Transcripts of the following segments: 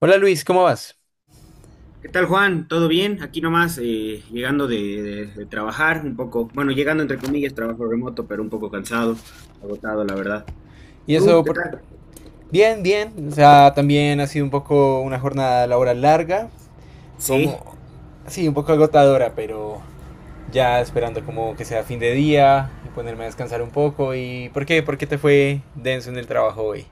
Hola Luis, ¿cómo vas? ¿Qué tal, Juan? ¿Todo bien? Aquí nomás, llegando de trabajar un poco, bueno, llegando entre comillas, trabajo remoto, pero un poco cansado, agotado, la verdad. Y ¿Tú, eso, qué tal? bien, bien. O sea, también ha sido un poco una jornada laboral larga, Sí. como, sí, un poco agotadora, pero ya esperando como que sea fin de día y ponerme a descansar un poco. ¿Y por qué? ¿Por qué te fue denso en el trabajo hoy?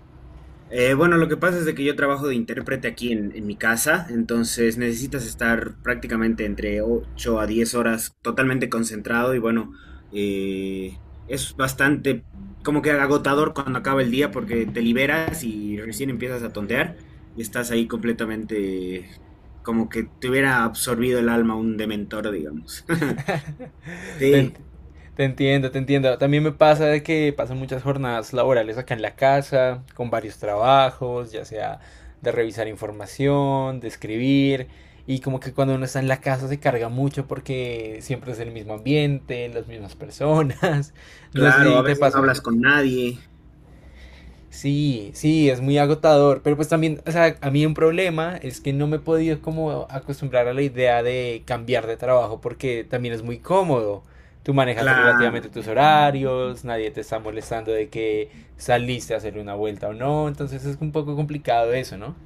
Bueno, lo que pasa es de que yo trabajo de intérprete aquí en mi casa, entonces necesitas estar prácticamente entre 8 a 10 horas totalmente concentrado y bueno, eh, es bastante como que agotador cuando acaba el día porque te liberas y recién empiezas a tontear y estás ahí completamente como que te hubiera absorbido el alma un dementor, digamos. Te, ent- Sí, te entiendo, te entiendo. También me pasa de que pasan muchas jornadas laborales acá en la casa, con varios trabajos, ya sea de revisar información, de escribir, y como que cuando uno está en la casa se carga mucho porque siempre es el mismo ambiente, las mismas personas. No sé claro, si a te veces no pasa. hablas con nadie, Sí, sí, es muy agotador, pero pues también, o sea, a mí un problema es que no me he podido como acostumbrar a la idea de cambiar de trabajo porque también es muy cómodo. Tú manejas relativamente claro. tus horarios, nadie te está molestando de que saliste a hacer una vuelta o no, entonces es un poco complicado eso, ¿no?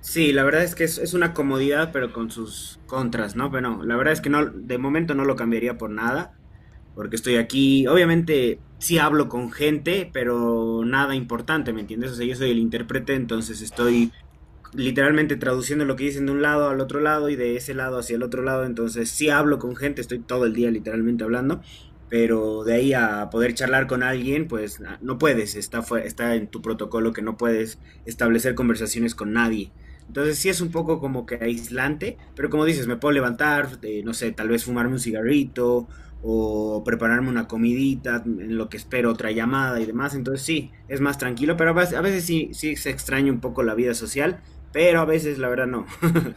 Sí, la verdad es que es una comodidad, pero con sus contras, ¿no? Pero no, la verdad es que no, de momento no lo cambiaría por nada, porque estoy aquí. Obviamente sí hablo con gente, pero nada importante, ¿me entiendes? O sea, yo soy el intérprete, entonces estoy literalmente traduciendo lo que dicen de un lado al otro lado y de ese lado hacia el otro lado. Entonces sí hablo con gente, estoy todo el día literalmente hablando, pero de ahí a poder charlar con alguien, pues no puedes, está en tu protocolo que no puedes establecer conversaciones con nadie. Entonces sí es un poco como que aislante, pero como dices, me puedo levantar, no sé, tal vez fumarme un cigarrito o prepararme una comidita en lo que espero otra llamada y demás. Entonces sí, es más tranquilo, pero a veces sí, sí se extraña un poco la vida social pero a veces la verdad no.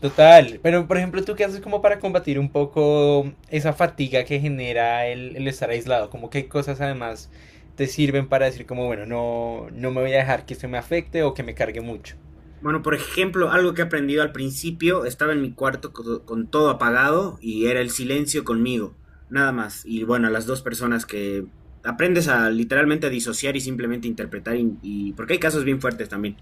Total, pero por ejemplo, ¿tú qué haces como para combatir un poco esa fatiga que genera el estar aislado? ¿Como qué cosas además te sirven para decir como, bueno, no, no me voy a dejar que esto me afecte o que me cargue mucho? Bueno, por ejemplo, algo que he aprendido al principio, estaba en mi cuarto con, todo apagado y era el silencio conmigo, nada más. Y bueno, las dos personas que aprendes a literalmente a disociar y simplemente interpretar, porque hay casos bien fuertes también.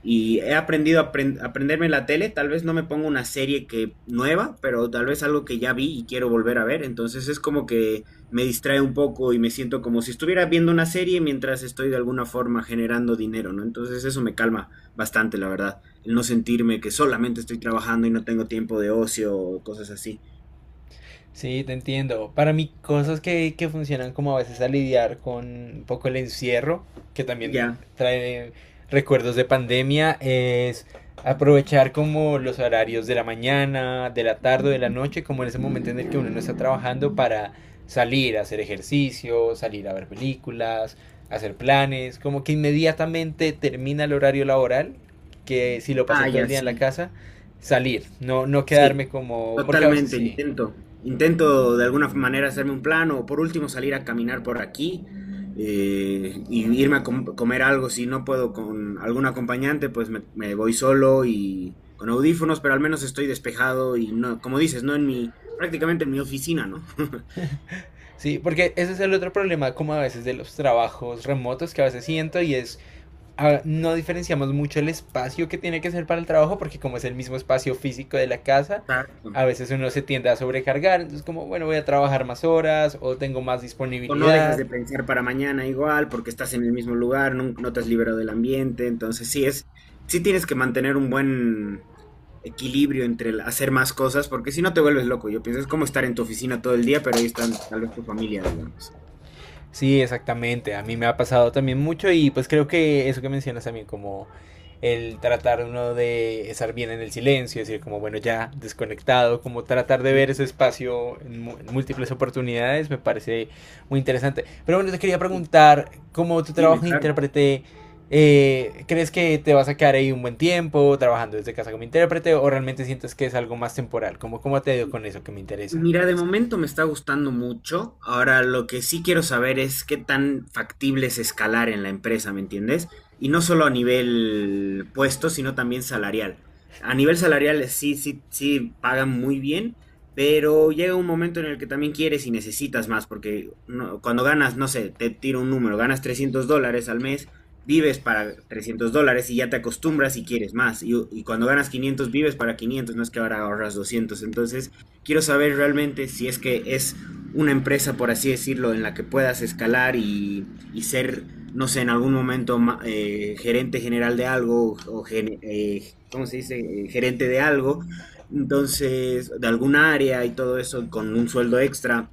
Y he aprendido a aprenderme la tele, tal vez no me pongo una serie que nueva, pero tal vez algo que ya vi y quiero volver a ver. Entonces es como que me distrae un poco y me siento como si estuviera viendo una serie mientras estoy de alguna forma generando dinero, ¿no? Entonces eso me calma bastante, la verdad. El no sentirme que solamente estoy trabajando y no tengo tiempo de ocio o cosas así. Sí, te entiendo. Para mí, cosas que funcionan como a veces a lidiar con un poco el encierro, que también Ya. trae recuerdos de pandemia, es aprovechar como los horarios de la mañana, de la tarde o de la noche, como en ese momento en el que uno no está trabajando para salir a hacer ejercicio, salir a ver películas, hacer planes, como que inmediatamente termina el horario laboral, que si lo pasé Ah, todo el ya, día en la sí. casa, salir, no, no Sí. quedarme como, porque a veces Totalmente, sí. intento. Intento de alguna manera hacerme un plan o por último salir a caminar por aquí, y irme a comer algo. Si no puedo con algún acompañante, pues me voy solo y con audífonos, pero al menos estoy despejado y no, como dices, no en mi, prácticamente en mi oficina, ¿no? Sí, porque ese es el otro problema, como a veces de los trabajos remotos que a veces siento y es, ah, no diferenciamos mucho el espacio que tiene que ser para el trabajo, porque como es el mismo espacio físico de la casa, Exacto. a veces uno se tiende a sobrecargar, entonces como, bueno, voy a trabajar más horas o tengo más O no dejas disponibilidad. de pensar para mañana igual, porque estás en el mismo lugar, no, te has liberado del ambiente. Entonces, sí tienes que mantener un buen equilibrio entre el hacer más cosas, porque si no te vuelves loco. Yo pienso, es como estar en tu oficina todo el día, pero ahí están tal vez tu familia, digamos. Sí, exactamente. A mí me ha pasado también mucho y pues creo que eso que mencionas también como el tratar uno de estar bien en el silencio, decir como bueno ya desconectado, como tratar de ver Ujú. ese espacio en en múltiples oportunidades me parece muy interesante. Pero bueno, te quería Sí. preguntar, ¿cómo tu Dime, trabajo de claro. intérprete, crees que te vas a quedar ahí un buen tiempo trabajando desde casa como intérprete o realmente sientes que es algo más temporal? ¿Cómo, cómo te ha ido con eso que me interesa? Mira, de momento me está gustando mucho. Ahora lo que sí quiero saber es qué tan factible es escalar en la empresa, ¿me entiendes? Y no solo a nivel puesto, sino también salarial. A nivel salarial, sí, sí, sí pagan muy bien, pero llega un momento en el que también quieres y necesitas más, porque cuando ganas, no sé, te tiro un número, ganas $300 al mes, vives para $300 y ya te acostumbras y quieres más. Y cuando ganas 500 vives para 500, no es que ahora ahorras 200. Entonces... Quiero saber realmente si es que es una empresa, por así decirlo, en la que puedas escalar y ser, no sé, en algún momento gerente general de algo ¿cómo se dice? Gerente de algo. Entonces, de algún área y todo eso con un sueldo extra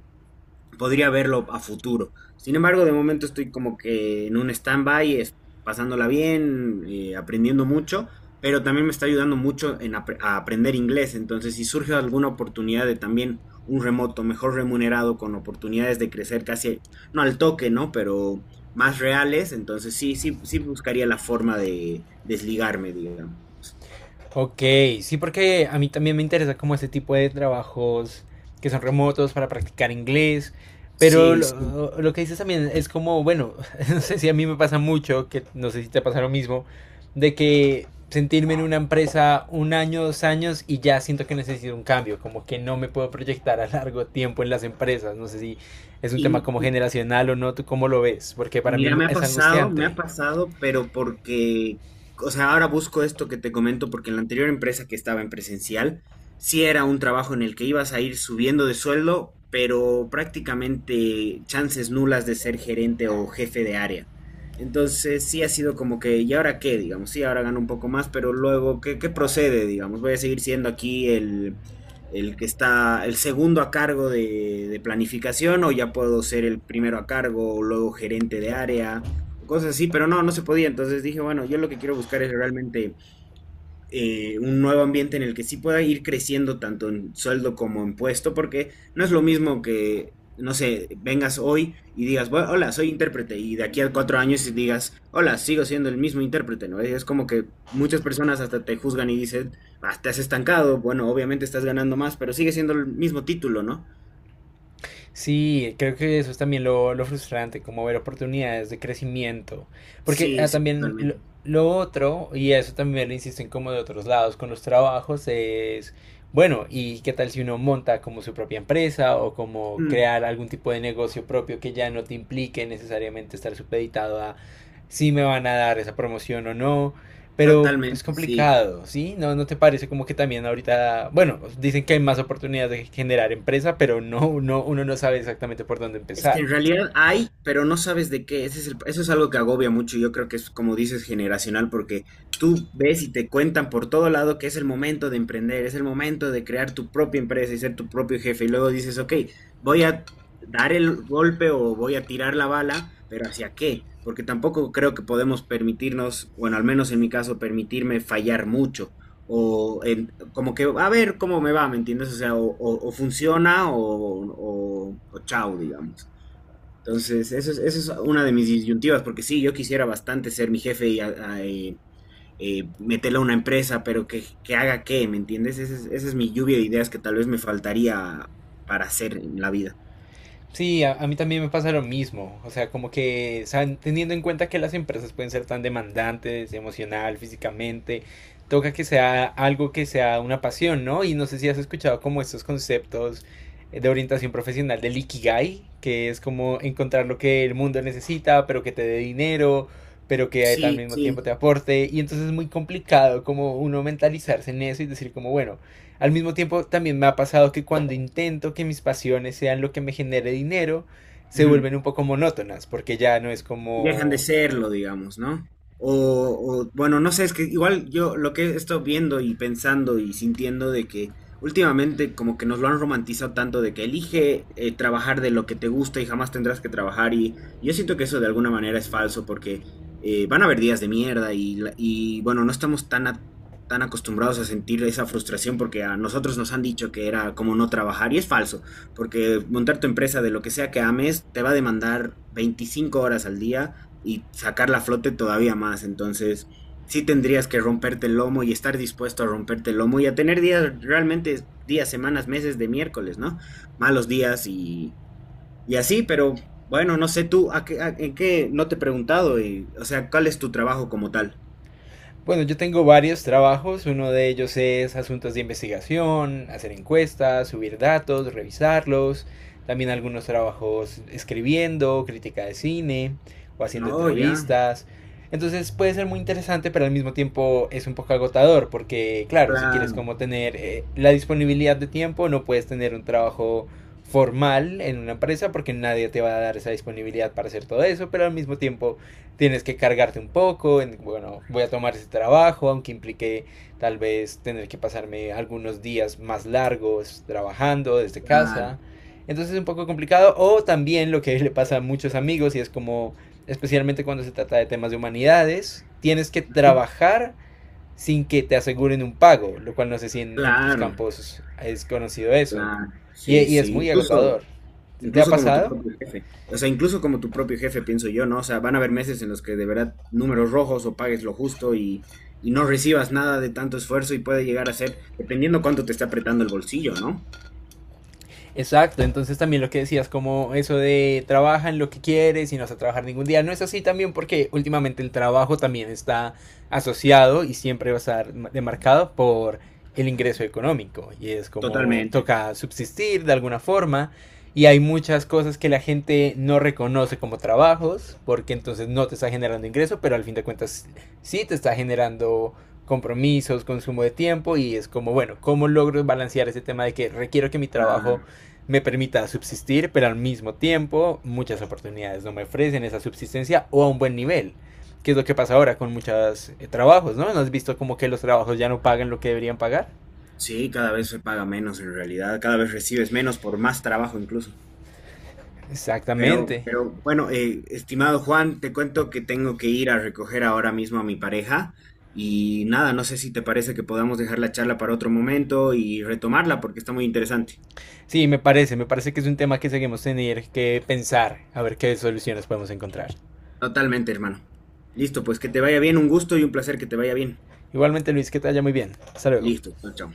podría verlo a futuro. Sin embargo, de momento estoy como que en un stand-by, pasándola bien, aprendiendo mucho, pero también me está ayudando mucho en a aprender inglés. Entonces, si surge alguna oportunidad de también un remoto mejor remunerado, con oportunidades de crecer casi, no al toque, ¿no? Pero más reales, entonces sí, sí, sí buscaría la forma de desligarme, digamos. Ok, sí, porque a mí también me interesa como este tipo de trabajos que son remotos para practicar inglés, pero Sí, sí. lo que dices también es como, bueno, no sé si a mí me pasa mucho, que no sé si te pasa lo mismo, de que sentirme en una empresa un año, dos años y ya siento que necesito un cambio, como que no me puedo proyectar a largo tiempo en las empresas, no sé si es un tema Y como generacional o no, ¿tú cómo lo ves? Porque para Mira, mí es me ha angustiante. pasado, pero porque, o sea, ahora busco esto que te comento porque en la anterior empresa que estaba en presencial, sí era un trabajo en el que ibas a ir subiendo de sueldo, pero prácticamente chances nulas de ser gerente o jefe de área. Entonces, sí ha sido como que, ¿y ahora qué? Digamos, sí, ahora gano un poco más, pero luego, ¿qué, qué procede? Digamos, voy a seguir siendo aquí el que está el segundo a cargo de planificación o ya puedo ser el primero a cargo o luego gerente de área, cosas así, pero no, no se podía. Entonces dije, bueno, yo lo que quiero buscar es realmente, un nuevo ambiente en el que sí pueda ir creciendo tanto en sueldo como en puesto, porque no es lo mismo que, no sé, vengas hoy y digas, "Bueno, hola, soy intérprete", y de aquí a 4 años y digas, "Hola, sigo siendo el mismo intérprete", ¿no? Es como que muchas personas hasta te juzgan y dicen, ah, te has estancado, bueno, obviamente estás ganando más, pero sigue siendo el mismo título, ¿no? Sí, creo que eso es también lo frustrante, como ver oportunidades de crecimiento. Porque Sí, ah, sí, también totalmente. lo otro, y eso también lo insisten como de otros lados con los trabajos, es, bueno, ¿y qué tal si uno monta como su propia empresa o como Mm, crear algún tipo de negocio propio que ya no te implique necesariamente estar supeditado a si me van a dar esa promoción o no? Pero es totalmente, sí. complicado, ¿sí? ¿No, no te parece como que también ahorita, bueno, dicen que hay más oportunidades de generar empresa, pero no, no uno no sabe exactamente por dónde Es que empezar? en realidad hay, pero no sabes de qué. Ese es el- eso es algo que agobia mucho. Yo creo que es, como dices, generacional, porque tú ves y te cuentan por todo lado que es el momento de emprender, es el momento de crear tu propia empresa y ser tu propio jefe. Y luego dices, ok, voy a dar el golpe o voy a tirar la bala, pero ¿hacia qué? Porque tampoco creo que podemos permitirnos, bueno, al menos en mi caso, permitirme fallar mucho. Como que, a ver cómo me va, ¿me entiendes? O sea, o funciona o chao, digamos. Entonces, eso es una de mis disyuntivas, porque sí, yo quisiera bastante ser mi jefe y meterlo a una empresa, pero que haga qué, ¿me entiendes? Esa es mi lluvia de ideas que tal vez me faltaría para hacer en la vida. Sí, a mí también me pasa lo mismo. O sea, como que, o teniendo en cuenta que las empresas pueden ser tan demandantes, emocional, físicamente, toca que sea algo que sea una pasión, ¿no? Y no sé si has escuchado como estos conceptos de orientación profesional del Ikigai, que es como encontrar lo que el mundo necesita, pero que te dé dinero, pero que al Sí, mismo tiempo sí. te aporte. Y entonces es muy complicado como uno mentalizarse en eso y decir como, bueno, al mismo tiempo, también me ha pasado que cuando intento que mis pasiones sean lo que me genere dinero, se Ujú. vuelven un poco monótonas, porque ya no es Dejan de como serlo, digamos, ¿no? O, bueno, no sé, es que igual yo lo que he estado viendo y pensando y sintiendo de que últimamente como que nos lo han romantizado tanto de que elige, trabajar de lo que te gusta y jamás tendrás que trabajar y yo siento que eso de alguna manera es falso porque, van a haber días de mierda y bueno, no estamos tan, tan acostumbrados a sentir esa frustración porque a nosotros nos han dicho que era como no trabajar y es falso porque montar tu empresa de lo que sea que ames te va a demandar 25 horas al día y sacarla a flote todavía más. Entonces, sí tendrías que romperte el lomo y estar dispuesto a romperte el lomo y a tener días, realmente días, semanas, meses de miércoles, ¿no? Malos días y así, pero bueno, no sé tú, ¿en qué? No te he preguntado, y, o sea, ¿cuál es tu trabajo como tal? bueno, yo tengo varios trabajos, uno de ellos es asuntos de investigación, hacer encuestas, subir datos, revisarlos, también algunos trabajos escribiendo, crítica de cine o haciendo No, ya, entrevistas. Entonces puede ser muy interesante, pero al mismo tiempo es un poco agotador, porque claro, si quieres claro, como tener la disponibilidad de tiempo, no puedes tener un trabajo formal en una empresa porque nadie te va a dar esa disponibilidad para hacer todo eso, pero al mismo tiempo tienes que cargarte un poco, en, bueno, voy a tomar ese trabajo, aunque implique tal vez tener que pasarme algunos días más largos trabajando desde claro, casa. Entonces es un poco complicado. O también lo que le pasa a muchos amigos y es como, especialmente cuando se trata de temas de humanidades, tienes que trabajar sin que te aseguren un pago, lo cual no sé si en tus claro, campos es conocido eso. claro, sí, Y es sí, muy incluso... agotador. ¿Te ha Incluso como tu pasado? propio jefe. O sea, incluso como tu propio jefe, pienso yo, ¿no? O sea, van a haber meses en los que de verdad números rojos o pagues lo justo y no recibas nada de tanto esfuerzo y puede llegar a ser, dependiendo cuánto te está apretando el bolsillo, ¿no? Exacto, entonces también lo que decías como eso de trabaja en lo que quieres y no vas a trabajar ningún día, no es así también porque últimamente el trabajo también está asociado y siempre va a estar demarcado por el ingreso económico y es como Totalmente. toca subsistir de alguna forma y hay muchas cosas que la gente no reconoce como trabajos porque entonces no te está generando ingreso, pero al fin de cuentas sí te está generando compromisos, consumo de tiempo y es como, bueno, ¿cómo logro balancear ese tema de que requiero que mi trabajo Ah, me permita subsistir, pero al mismo tiempo muchas oportunidades no me ofrecen esa subsistencia o a un buen nivel? Que es lo que pasa ahora con muchos trabajos, ¿no? ¿No has visto como que los trabajos ya no pagan lo que deberían pagar? sí, cada vez se paga menos en realidad, cada vez recibes menos por más trabajo incluso. Exactamente. Pero bueno, estimado Juan, te cuento que tengo que ir a recoger ahora mismo a mi pareja y nada, no sé si te parece que podamos dejar la charla para otro momento y retomarla porque está muy interesante. Sí, me parece que es un tema que seguimos tener que pensar, a ver qué soluciones podemos encontrar. Totalmente, hermano. Listo, pues que te vaya bien, un gusto y un placer que te vaya bien. Igualmente Luis, que te vaya muy bien. Hasta luego. Listo, chao, chao.